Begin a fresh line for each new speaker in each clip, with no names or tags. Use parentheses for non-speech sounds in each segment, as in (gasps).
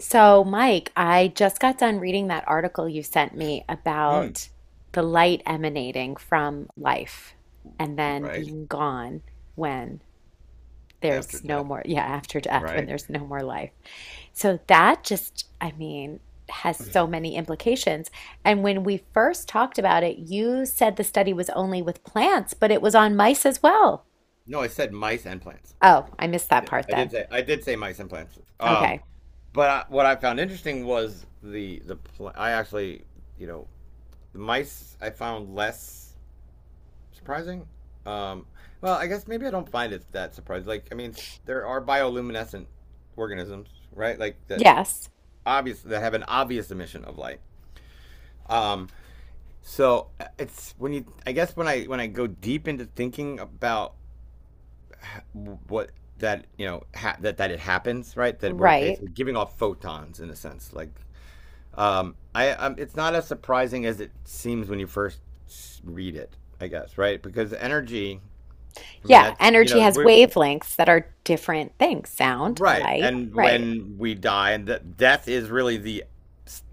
So, Mike, I just got done reading that article you sent me
Mm,
about the light emanating from life and then
right
being gone when
after
there's no
death,
more, yeah, after death, when
right?
there's no more life. So, that just, I mean, has so many implications. And when we first talked about it, you said the study was only with plants, but it was on mice as well.
No, I said mice and plants.
Oh, I missed that
Yeah,
part
I did
then.
say I did say mice and plants.
Okay.
But what I found interesting was I actually you know the mice I found less surprising. Um, well, I guess maybe I don't find it that surprising. Like, I mean, there are bioluminescent organisms, right? Like
Yes.
that have an obvious emission of light. Um, so it's when you I guess when I go deep into thinking about what that that it happens, right? That we're
Right.
basically giving off photons, in a sense, like I it's not as surprising as it seems when you first read it, I guess, right? Because energy, I mean,
Yeah,
that's,
energy has
we're.
wavelengths that are different things, sound,
Right,
light,
and
right,
when we die, and that death is really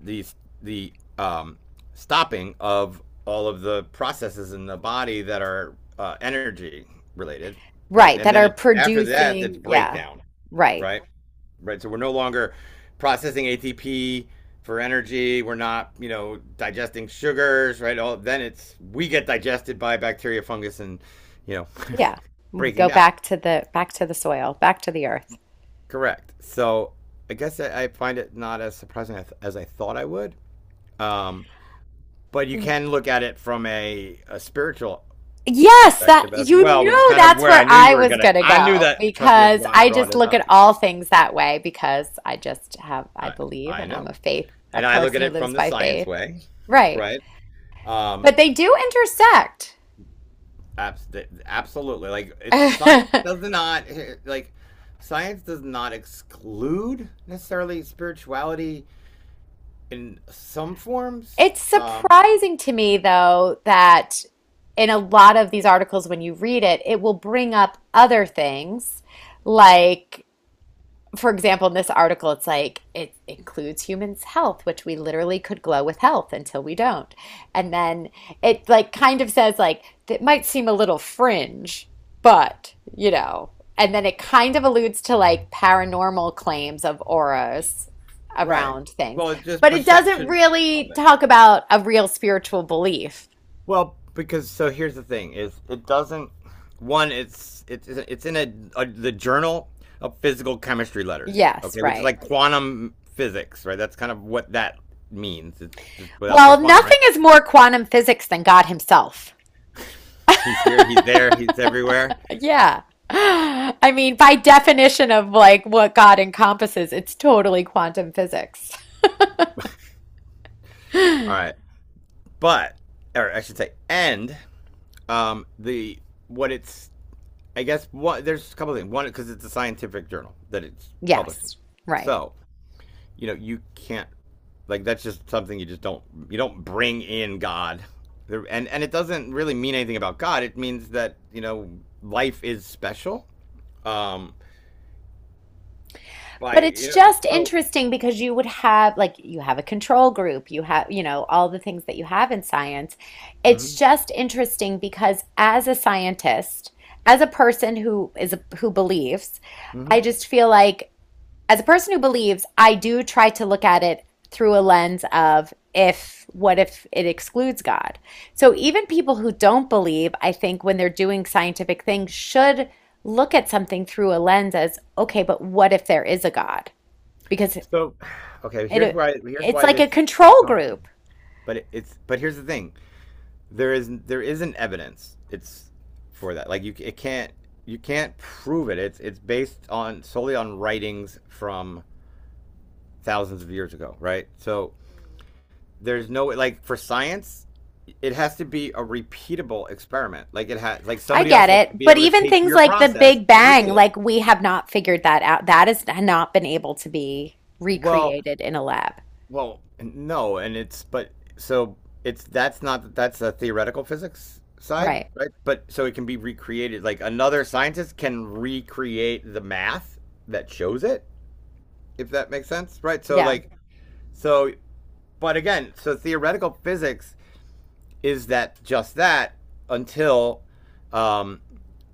the the um stopping of all of the processes in the body that are, energy related. Right,
right,
and
that
then
are
after that it's
producing, yeah,
breakdown.
right,
Right. Right? So we're no longer processing ATP for energy. We're not, digesting sugars, right? All, then it's we get digested by bacteria, fungus, and, you know,
yeah. We
breaking
go
down.
back to the soil, back to the earth.
Correct. So I guess I find it not as surprising as I thought I would. Um, but you
W-
can look at it from a spiritual
Yes, that
perspective as
you
well, which is
knew
kind of
that's
where I
where
knew
I
you were
was
gonna.
gonna
I knew
go
that. Trust me, that's
because
why I
I
brought
just
it
look at
up.
all things that way because I just have I
I,
believe
I
and I'm
know,
a
and I look at
person who
it from
lives
the
by
science
faith.
way,
Right.
right? Um,
But they do
Absolutely. Like it's science
intersect. (laughs)
does not like Science does not exclude necessarily spirituality, in some forms.
It's surprising to me, though, that in a lot of these articles, when you read it, it will bring up other things like for example, in this article, it's like it includes humans' health, which we literally could glow with health until we don't. And then it like kind of says like it might seem a little fringe, but you know. And then it kind of alludes to like paranormal claims of auras
Right.
around things,
Well, it's just
but it doesn't
perception of
really
it.
talk about a real spiritual belief.
Well, because, so, here's the thing: is it doesn't. One, it's in a the journal of physical chemistry letters.
Yes,
Okay, which is
right.
like quantum physics, right? That's kind of what that means. It's just without
Well,
saying quantum,
nothing
right?
is more quantum physics than God Himself.
He's here, he's there, he's everywhere.
Yeah. I mean, by definition of like what God encompasses, it's totally quantum physics.
All right. but Or I should say, and, the what it's I guess, what there's a couple of things. One, because it's a scientific journal that it's published in.
Yes, right.
So, you can't, like, that's just something you don't bring in God. And it doesn't really mean anything about God. It means that, life is special, um, by,
But it's just
so.
interesting because you would have, like, you have a control group, you have, all the things that you have in science. It's
Mhm.
just interesting because as a scientist, as a person who believes, I
Mhm.
just feel like as a person who believes, I do try to look at it through a lens of if, what if it excludes God? So even people who don't believe, I think when they're doing scientific things, should look at something through a lens as, okay, but what if there is a God? Because
So, (sighs) okay, here's
it
why,
it's like a
this gets
control
complicated.
group.
But it, it's but here's the thing: there isn't evidence, it's for that. Like, you can't prove It's based on solely on writings from thousands of years ago, right? So there's no, like, for science it has to be a repeatable experiment. Like, it has, like
I
somebody else
get
has to
it.
be
But
able to
even
take
things
your
like the
process
Big
and
Bang,
repeat it.
like we have not figured that out. That has not been able to be
well
recreated in a lab.
Well, no, and it's, but so, it's that's not that's a theoretical physics side,
Right.
right? But so it can be recreated. Like, another scientist can recreate the math that shows it, if that makes sense, right? So,
Yeah.
so so theoretical physics is that, just that, until, um,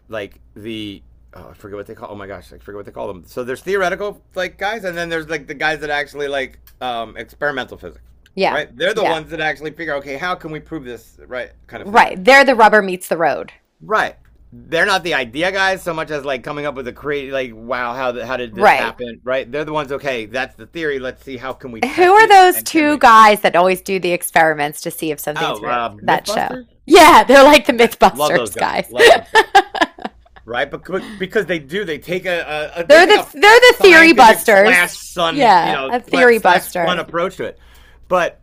like the oh, I forget what they call. Oh my gosh, I forget what they call them. So there's theoretical, like, guys, and then there's, like, the guys that actually, like, experimental physics,
Yeah.
right? They're the
Yeah.
ones that actually figure, okay, how can we prove this, right? Kind of thing,
Right. There the rubber meets the road.
right? They're not the idea guys so much as like coming up with a create like wow how the, how did this
Right.
happen, right? They're the ones, okay, that's the theory, let's see, how can we
Who
test
are
it,
those
and can
two
we?
guys that always do the experiments to see if something's
oh
real?
uh,
That show.
MythBuster.
Yeah, they're like the
Yes, love those
Mythbusters
guys,
guys. (laughs)
love
they're
those guys. Right? But because they do,
the
they take a
they're the theory
scientific slash
busters.
sun,
Yeah, a theory
slash fun
buster.
approach to it. But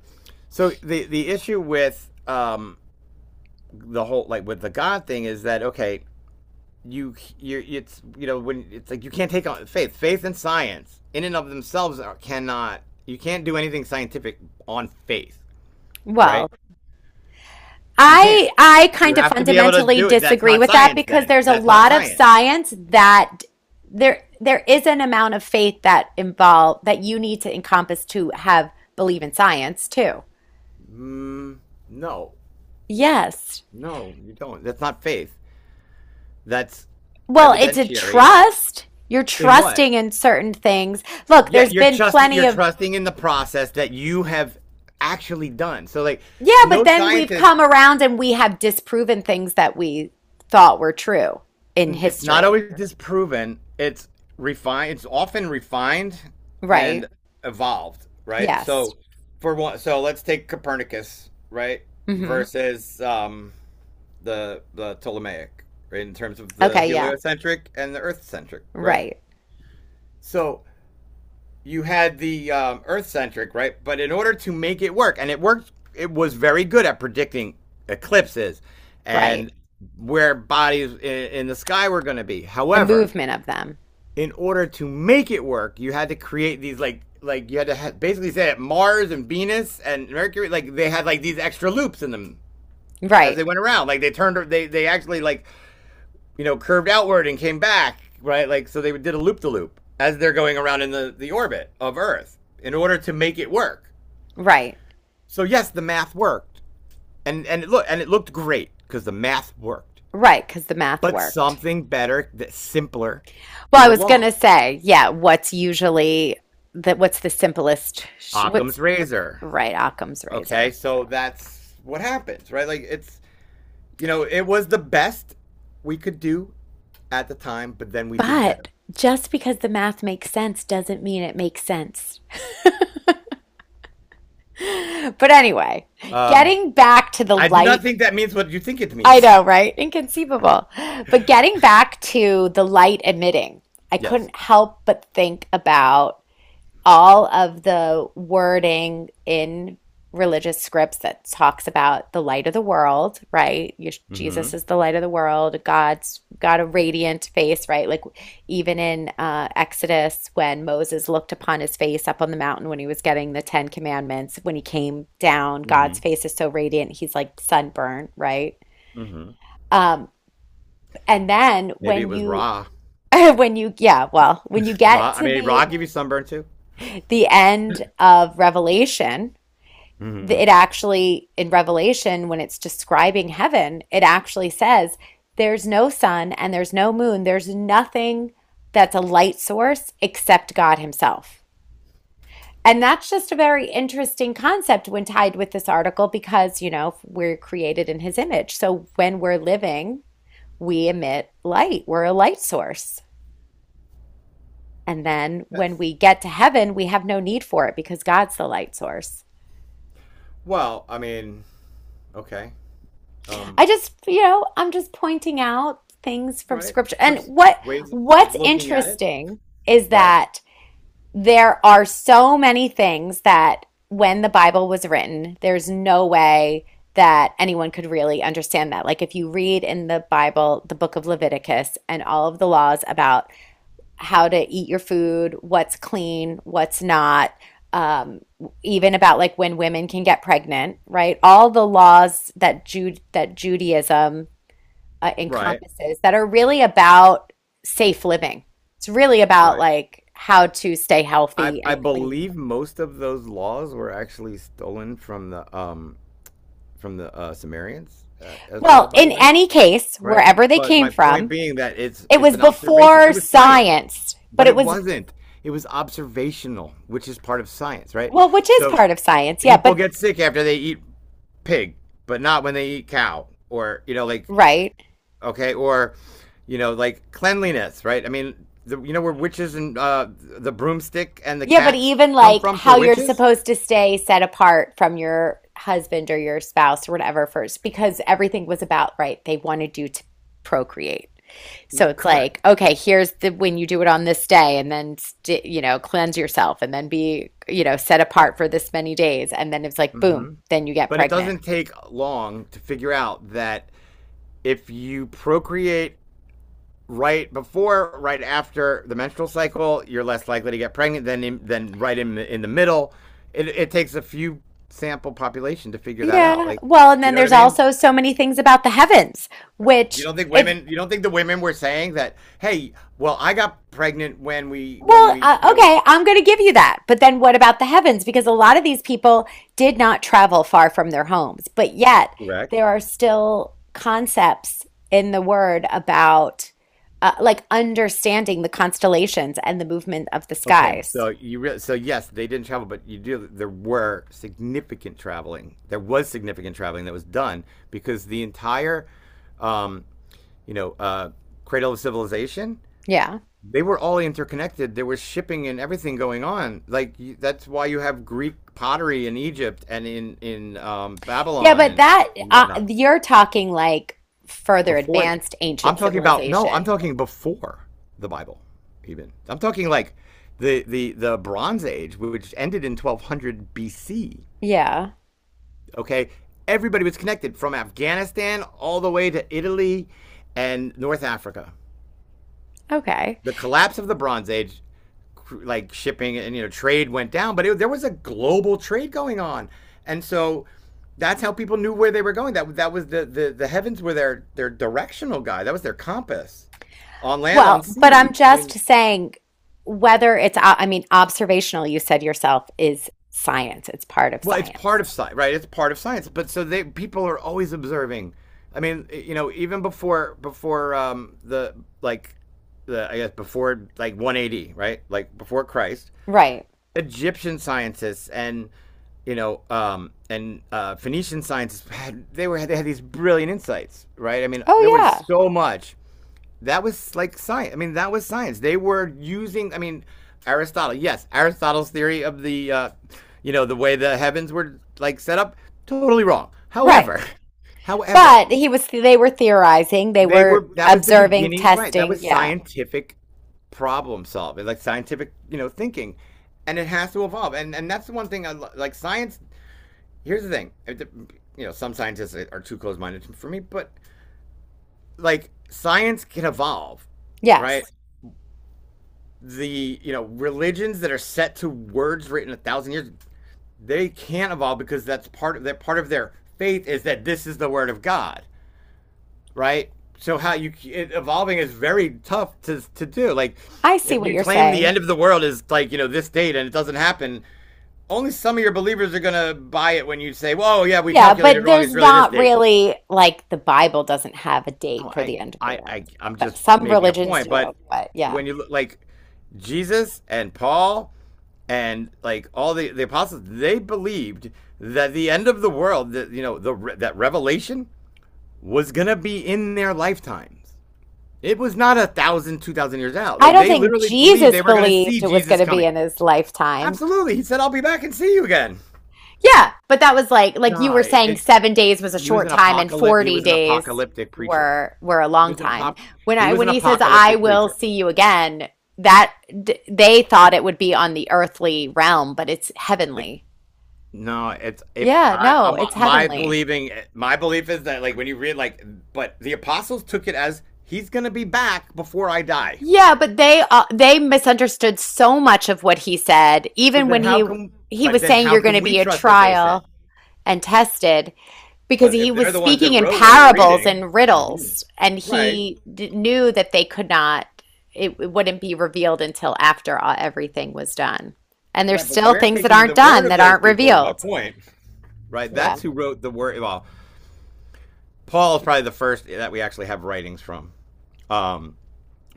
so the issue with, the whole, like, with the God thing, is that, okay, you, it's you know when it's, like, you can't take on faith. Faith and science, in and of themselves, are, cannot you can't do anything scientific on faith, right?
Well,
You can't.
I
You
kind of
have to be able to
fundamentally
do it. That's
disagree
not
with that
science
because
then.
there's a
That's not
lot of
science.
science that there is an amount of faith that you need to encompass to have believe in science too.
Mm, no.
Yes.
No, you don't. That's not faith. That's
Well, it's a
evidentiary.
trust. You're
In what?
trusting in certain things. Look,
Yeah,
there's been plenty
you're
of,
trusting in the process that you have actually done. So, like
yeah, but
no
then we've
scientist
come around and we have disproven things that we thought were true in
it's not
history.
always disproven. It's often refined
Right.
and evolved, right?
Yes.
So for one, let's take Copernicus, right?
Hmm.
Versus, the Ptolemaic, right? In terms of the
Okay. Yeah.
heliocentric and the earth centric, right?
Right.
So you had the, Earth centric, right? But in order to make it work, and it worked, it was very good at predicting eclipses
Right.
and where bodies in the sky were going to be.
The
However,
movement of them.
in order to make it work, you had to create these, like you had to, basically say that Mars and Venus and Mercury, like, they had, like, these extra loops in them as
Right.
they went around. Like, they turned they actually, like, curved outward and came back, right? Like, so they did a loop the loop as they're going around in the orbit of Earth, in order to make it work.
Right.
So, yes, the math worked. And it looked great because the math worked,
Right. Because the math
but
worked.
something better, that simpler,
Well, I
came
was going
along.
to say, yeah, what's usually what's the simplest,
Occam's Razor.
right, Occam's
Okay,
razor.
so that's what happens, right? Like, it's you know it was the best we could do at the time, but then we did
But
better.
just because the math makes sense doesn't mean it makes sense. (gasps) (laughs) But anyway,
Um,
getting back to the
I do not
light,
think that means what you think it
I
means.
know, right? Inconceivable. But getting back to the light emitting,
(laughs)
I
Yes.
couldn't help but think about all of the wording in religious scripts that talks about the light of the world, right? Jesus
Mm-hmm.
is the light of the world. God's got a radiant face, right? Like even in Exodus, when Moses looked upon his face up on the mountain when he was getting the Ten Commandments, when he came down, God's
Hmm.
face is so radiant, he's like sunburned, right?
Hmm.
Um, and then
Maybe it
when
was
you
raw.
(laughs) when you yeah, well, when you get
Raw. I
to
mean, raw
the
give you sunburn too.
the end of Revelation,
Hmm.
it actually in Revelation, when it's describing heaven, it actually says there's no sun and there's no moon. There's nothing that's a light source except God Himself. And that's just a very interesting concept when tied with this article because, we're created in His image. So when we're living, we emit light, we're a light source. And then when
Yes.
we get to heaven, we have no need for it because God's the light source.
Well, I mean, okay. Um,
I just, I'm just pointing out things from
right.
scripture. And
Pers-
what
Ways of
what's
looking at it.
interesting is
Right.
that there are so many things that when the Bible was written, there's no way that anyone could really understand that. Like if you read in the Bible, the book of Leviticus and all of the laws about how to eat your food, what's clean, what's not, um, even about like when women can get pregnant, right? All the laws that Judaism
Right.
encompasses that are really about safe living. It's really about
Right.
like how to stay
I
healthy
I
and clean.
believe most of those laws were actually stolen from the, Sumerians, as well.
Well,
By the
in
way.
any case,
Right.
wherever they
But
came
my point
from,
being that it's
it
it's
was
an observation. It
before
was science,
science, but
but
it
it
was,
wasn't. It was observational, which is part of science, right?
well, which is
So
part of science. Yeah,
people
but
get sick after they eat pig, but not when they eat cow, or, like,
right.
okay, or, like, cleanliness, right? I mean, you know where witches and, the broomstick and the
Yeah, but
cats
even
come
like
from for
how you're
witches?
supposed to stay set apart from your husband or your spouse or whatever first, because everything was about, right, they wanted you to procreate. So it's like,
Correct.
okay, here's the when you do it on this day, and then cleanse yourself, and then be, set
Right.
apart for this many days, and then it's like, boom,
Hmm.
then you get
But it
pregnant.
doesn't take long to figure out that if you procreate right before, right after the menstrual cycle, you're less likely to get pregnant than, than right in the middle. It takes a few sample population to figure that out.
Yeah,
Like,
well, and
you
then
know what
there's
I mean?
also so many things about the heavens,
You
which
don't think
if,
women? You don't think the women were saying that? Hey, well, I got pregnant when we when
well,
we
okay, I'm going to give you that. But then what about the heavens? Because a lot of these people did not travel far from their homes, but yet
correct.
there are still concepts in the word about like understanding the constellations and the movement of the
Okay,
skies.
so you re- so yes, they didn't travel, but you do. There were significant traveling. There was significant traveling that was done, because the entire, um, you know, uh, cradle of civilization.
Yeah.
They were all interconnected. There was shipping and everything going on. Like, that's why you have Greek pottery in Egypt, and in
Yeah,
Babylon,
but
and,
that
and whatnot.
you're talking like further
Before,
advanced
I'm
ancient
talking about no, I'm
civilization.
talking before the Bible, even. I'm talking like the Bronze Age, which ended in 1200 BC.
Yeah.
Okay, everybody was connected from Afghanistan all the way to Italy and North Africa.
Okay.
The collapse of the Bronze Age, like, shipping and, trade went down, but there was a global trade going on, and so that's how people knew where they were going. That was the heavens, were their directional guide. That was their compass, on land, on
Well, but I'm
sea. I
just
mean,
saying whether it's, I mean, observational, you said yourself, is science. It's part of
well, it's
science.
part of science, right? It's part of science. But so, they people are always observing. I mean, even before, the like the I guess, before, like, 180, right? Like, before Christ,
Right.
Egyptian scientists and, and, Phoenician scientists, had they were they had these brilliant insights, right? I mean,
Oh,
there was
yeah.
so much that was like science. I mean, that was science. They were using. I mean, Aristotle. Yes, Aristotle's theory of the way the heavens were, like, set up. Totally wrong.
Right.
However, (laughs) however,
But they were theorizing, they
they
were
were. That was the
observing,
beginning. Right. That
testing.
was
Yeah.
scientific problem solving, like scientific, thinking, and it has to evolve. And that's the one thing I like. Science. Here's the thing. Some scientists are too close minded for me, but, like, science can evolve, right?
Yes.
The religions that are set to words written a thousand years, they can't evolve because that's part of that part of their faith, is that this is the word of god. Right. So evolving is very tough to do, like,
I see
if
what
you
you're
claim the
saying.
end of the world is, like, this date, and it doesn't happen, only some of your believers are gonna buy it when you say, "Whoa, yeah, we
Yeah.
calculated
But
wrong,
there's
it's really this
not
date."
really, like, the Bible doesn't have a date
No.
for
i
the end of the
i, I
world,
i'm
but
just
some
making a
religions
point.
do.
But
But yeah.
when you look, like, Jesus and Paul and, like, all the apostles, they believed that the end of the world, that, the that revelation, was gonna be in their lifetimes. It was not a thousand, 2,000 years out.
I
Like,
don't
they
think
literally believed
Jesus
they were gonna see
believed it was going
Jesus
to be
coming.
in his lifetime.
Absolutely, he said, "I'll be back and see you again."
Yeah, but that was like you were
Nah,
saying
it's
7 days was a
he was
short
an
time and
apocalypse. He
40
was an
days
apocalyptic preacher.
were a
He
long
was an
time.
apop.
When
He
I
was an
when he says I
apocalyptic
will
preacher.
see you again, that they thought it would be on the earthly realm, but it's
The
heavenly.
No, it's if
Yeah,
I
no,
I'm,
it's
my
heavenly.
believing my belief is that, like, when you read, like, but the apostles took it as he's gonna be back before I die.
Yeah, but they misunderstood so much of what he said,
So
even
then
when
how
he
can
he
But
was
then
saying
how
you're going to
can we
be a
trust what they
trial
said?
and tested, because
But if
he was
they're the ones that
speaking in
wrote what we're
parables
reading,
and
mm-hmm,
riddles, and
right?
he d knew that they could not, it wouldn't be revealed until after everything was done. And there's
Right, but
still
we're
things that
taking
aren't
the word
done
of
that
those
aren't
people is my
revealed.
point. Right,
Yeah.
that's who wrote the word. Well, Paul is probably the first that we actually have writings from. Um,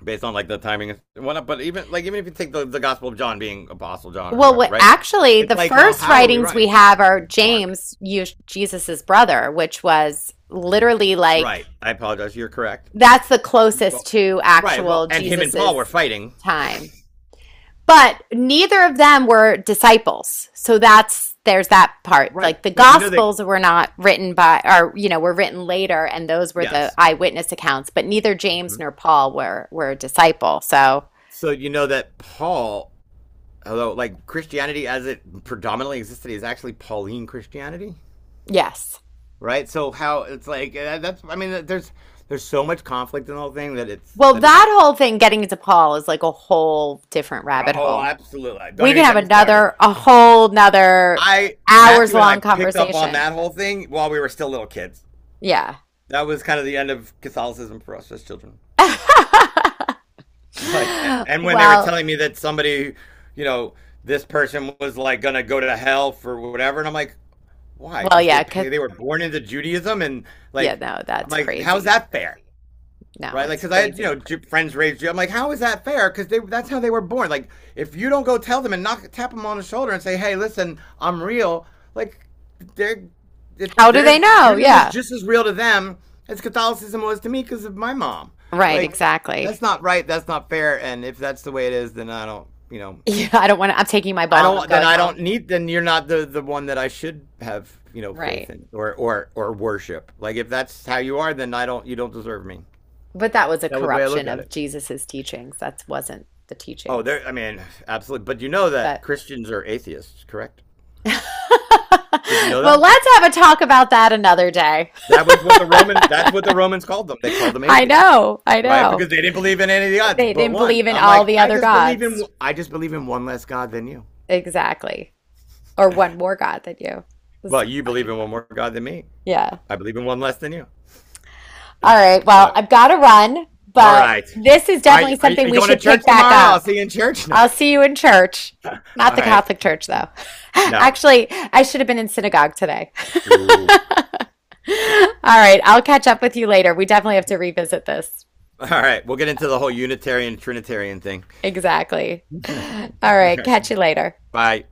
Based on, like, the timing and whatnot. But even, like, even if you take the Gospel of John being Apostle John or
Well,
whoever, right?
actually,
It's
the
like, oh,
first
how are we
writings we
right,
have are
Mark?
James, you, Jesus's brother, which was literally like
Right. I apologize. You're correct.
that's the
Well-
closest to
Right. Well,
actual
and him and
Jesus's
Paul were fighting.
time. But neither of them were disciples. So that's there's that part.
Right.
Like the
But you know that.
gospels were not written by or were written later and those were the
Yes.
eyewitness accounts, but neither James
Mhm.
nor Paul were a disciple. So,
So you know that Paul, although, like, Christianity as it predominantly existed is actually Pauline Christianity,
yes.
right? So how it's like, that's, I mean, there's so much conflict in the whole thing, that it's
Well,
that it...
that whole thing getting into Paul is like a whole different rabbit
Oh,
hole.
absolutely! Don't
We can
even
have
get me started.
another a whole nother
I
hours
Matthew and I
long
picked up on
conversation.
that whole thing while we were still little kids.
Yeah.
That was kind of the end of Catholicism for us as children. (laughs)
(laughs)
Like, and when they were
well,
telling me that somebody, you know, this person was, like, gonna go to hell for whatever, and I'm like, why?
well,
Because
yeah,
they were born into Judaism, and,
yeah,
like,
no,
I'm
that's
like, how's
crazy.
that fair?
No,
Right? Like,
it's
because I had,
crazy.
friends raised you. I'm like, how is that fair? Because they that's how they were born. Like, if you don't go tell them and knock tap them on the shoulder and say, hey, listen, I'm real. Like, they're
How do
they're
they know?
Judaism is
Yeah.
just as real to them as Catholicism was to me because of my mom.
Right,
Like,
exactly.
that's not
(laughs)
right. That's not fair. And if that's the way it is, then I don't.
Yeah, I don't want to, I'm taking my
I
ball and I'm
don't. Then
going
I
home.
don't need. Then you're not the one that I should have. Faith
Right.
in or worship. Like, if that's how you are, then I don't. You don't deserve me.
But that was a
That was the way I looked
corruption
at
of
it.
Jesus's teachings. That wasn't the
Oh, there.
teachings.
I mean, absolutely. But you know that
But
Christians are atheists, correct?
(laughs)
Did you know
well,
that?
let's have a talk about that another day. (laughs)
That was what the Roman. That's what the Romans called them. They called them
I
atheists,
know, I
right?
know.
Because they didn't believe in any of the gods
They
but
didn't
one.
believe in
I'm
all
like,
the other gods.
I just believe in one less god than you.
Exactly. Or one more god than you. It was
Well,
so
you believe in
funny.
one more god than me.
Yeah.
I believe in one less than you.
All right. Well,
But
I've got to run,
all
but
right,
this is
are you,
definitely
are
something
you
we
going to
should
church
pick back
tomorrow? I'll
up.
see you in church.
I'll
(laughs)
see you in church.
No.
Not
All
the
right.
Catholic Church, though. (laughs)
No.
Actually, I should have been in synagogue today. (laughs)
Ooh.
All right. I'll catch up with you later. We definitely have to revisit this.
All right. We'll get into the whole Unitarian Trinitarian thing.
Exactly. All
(laughs) All
right.
right.
Catch you later.
Bye.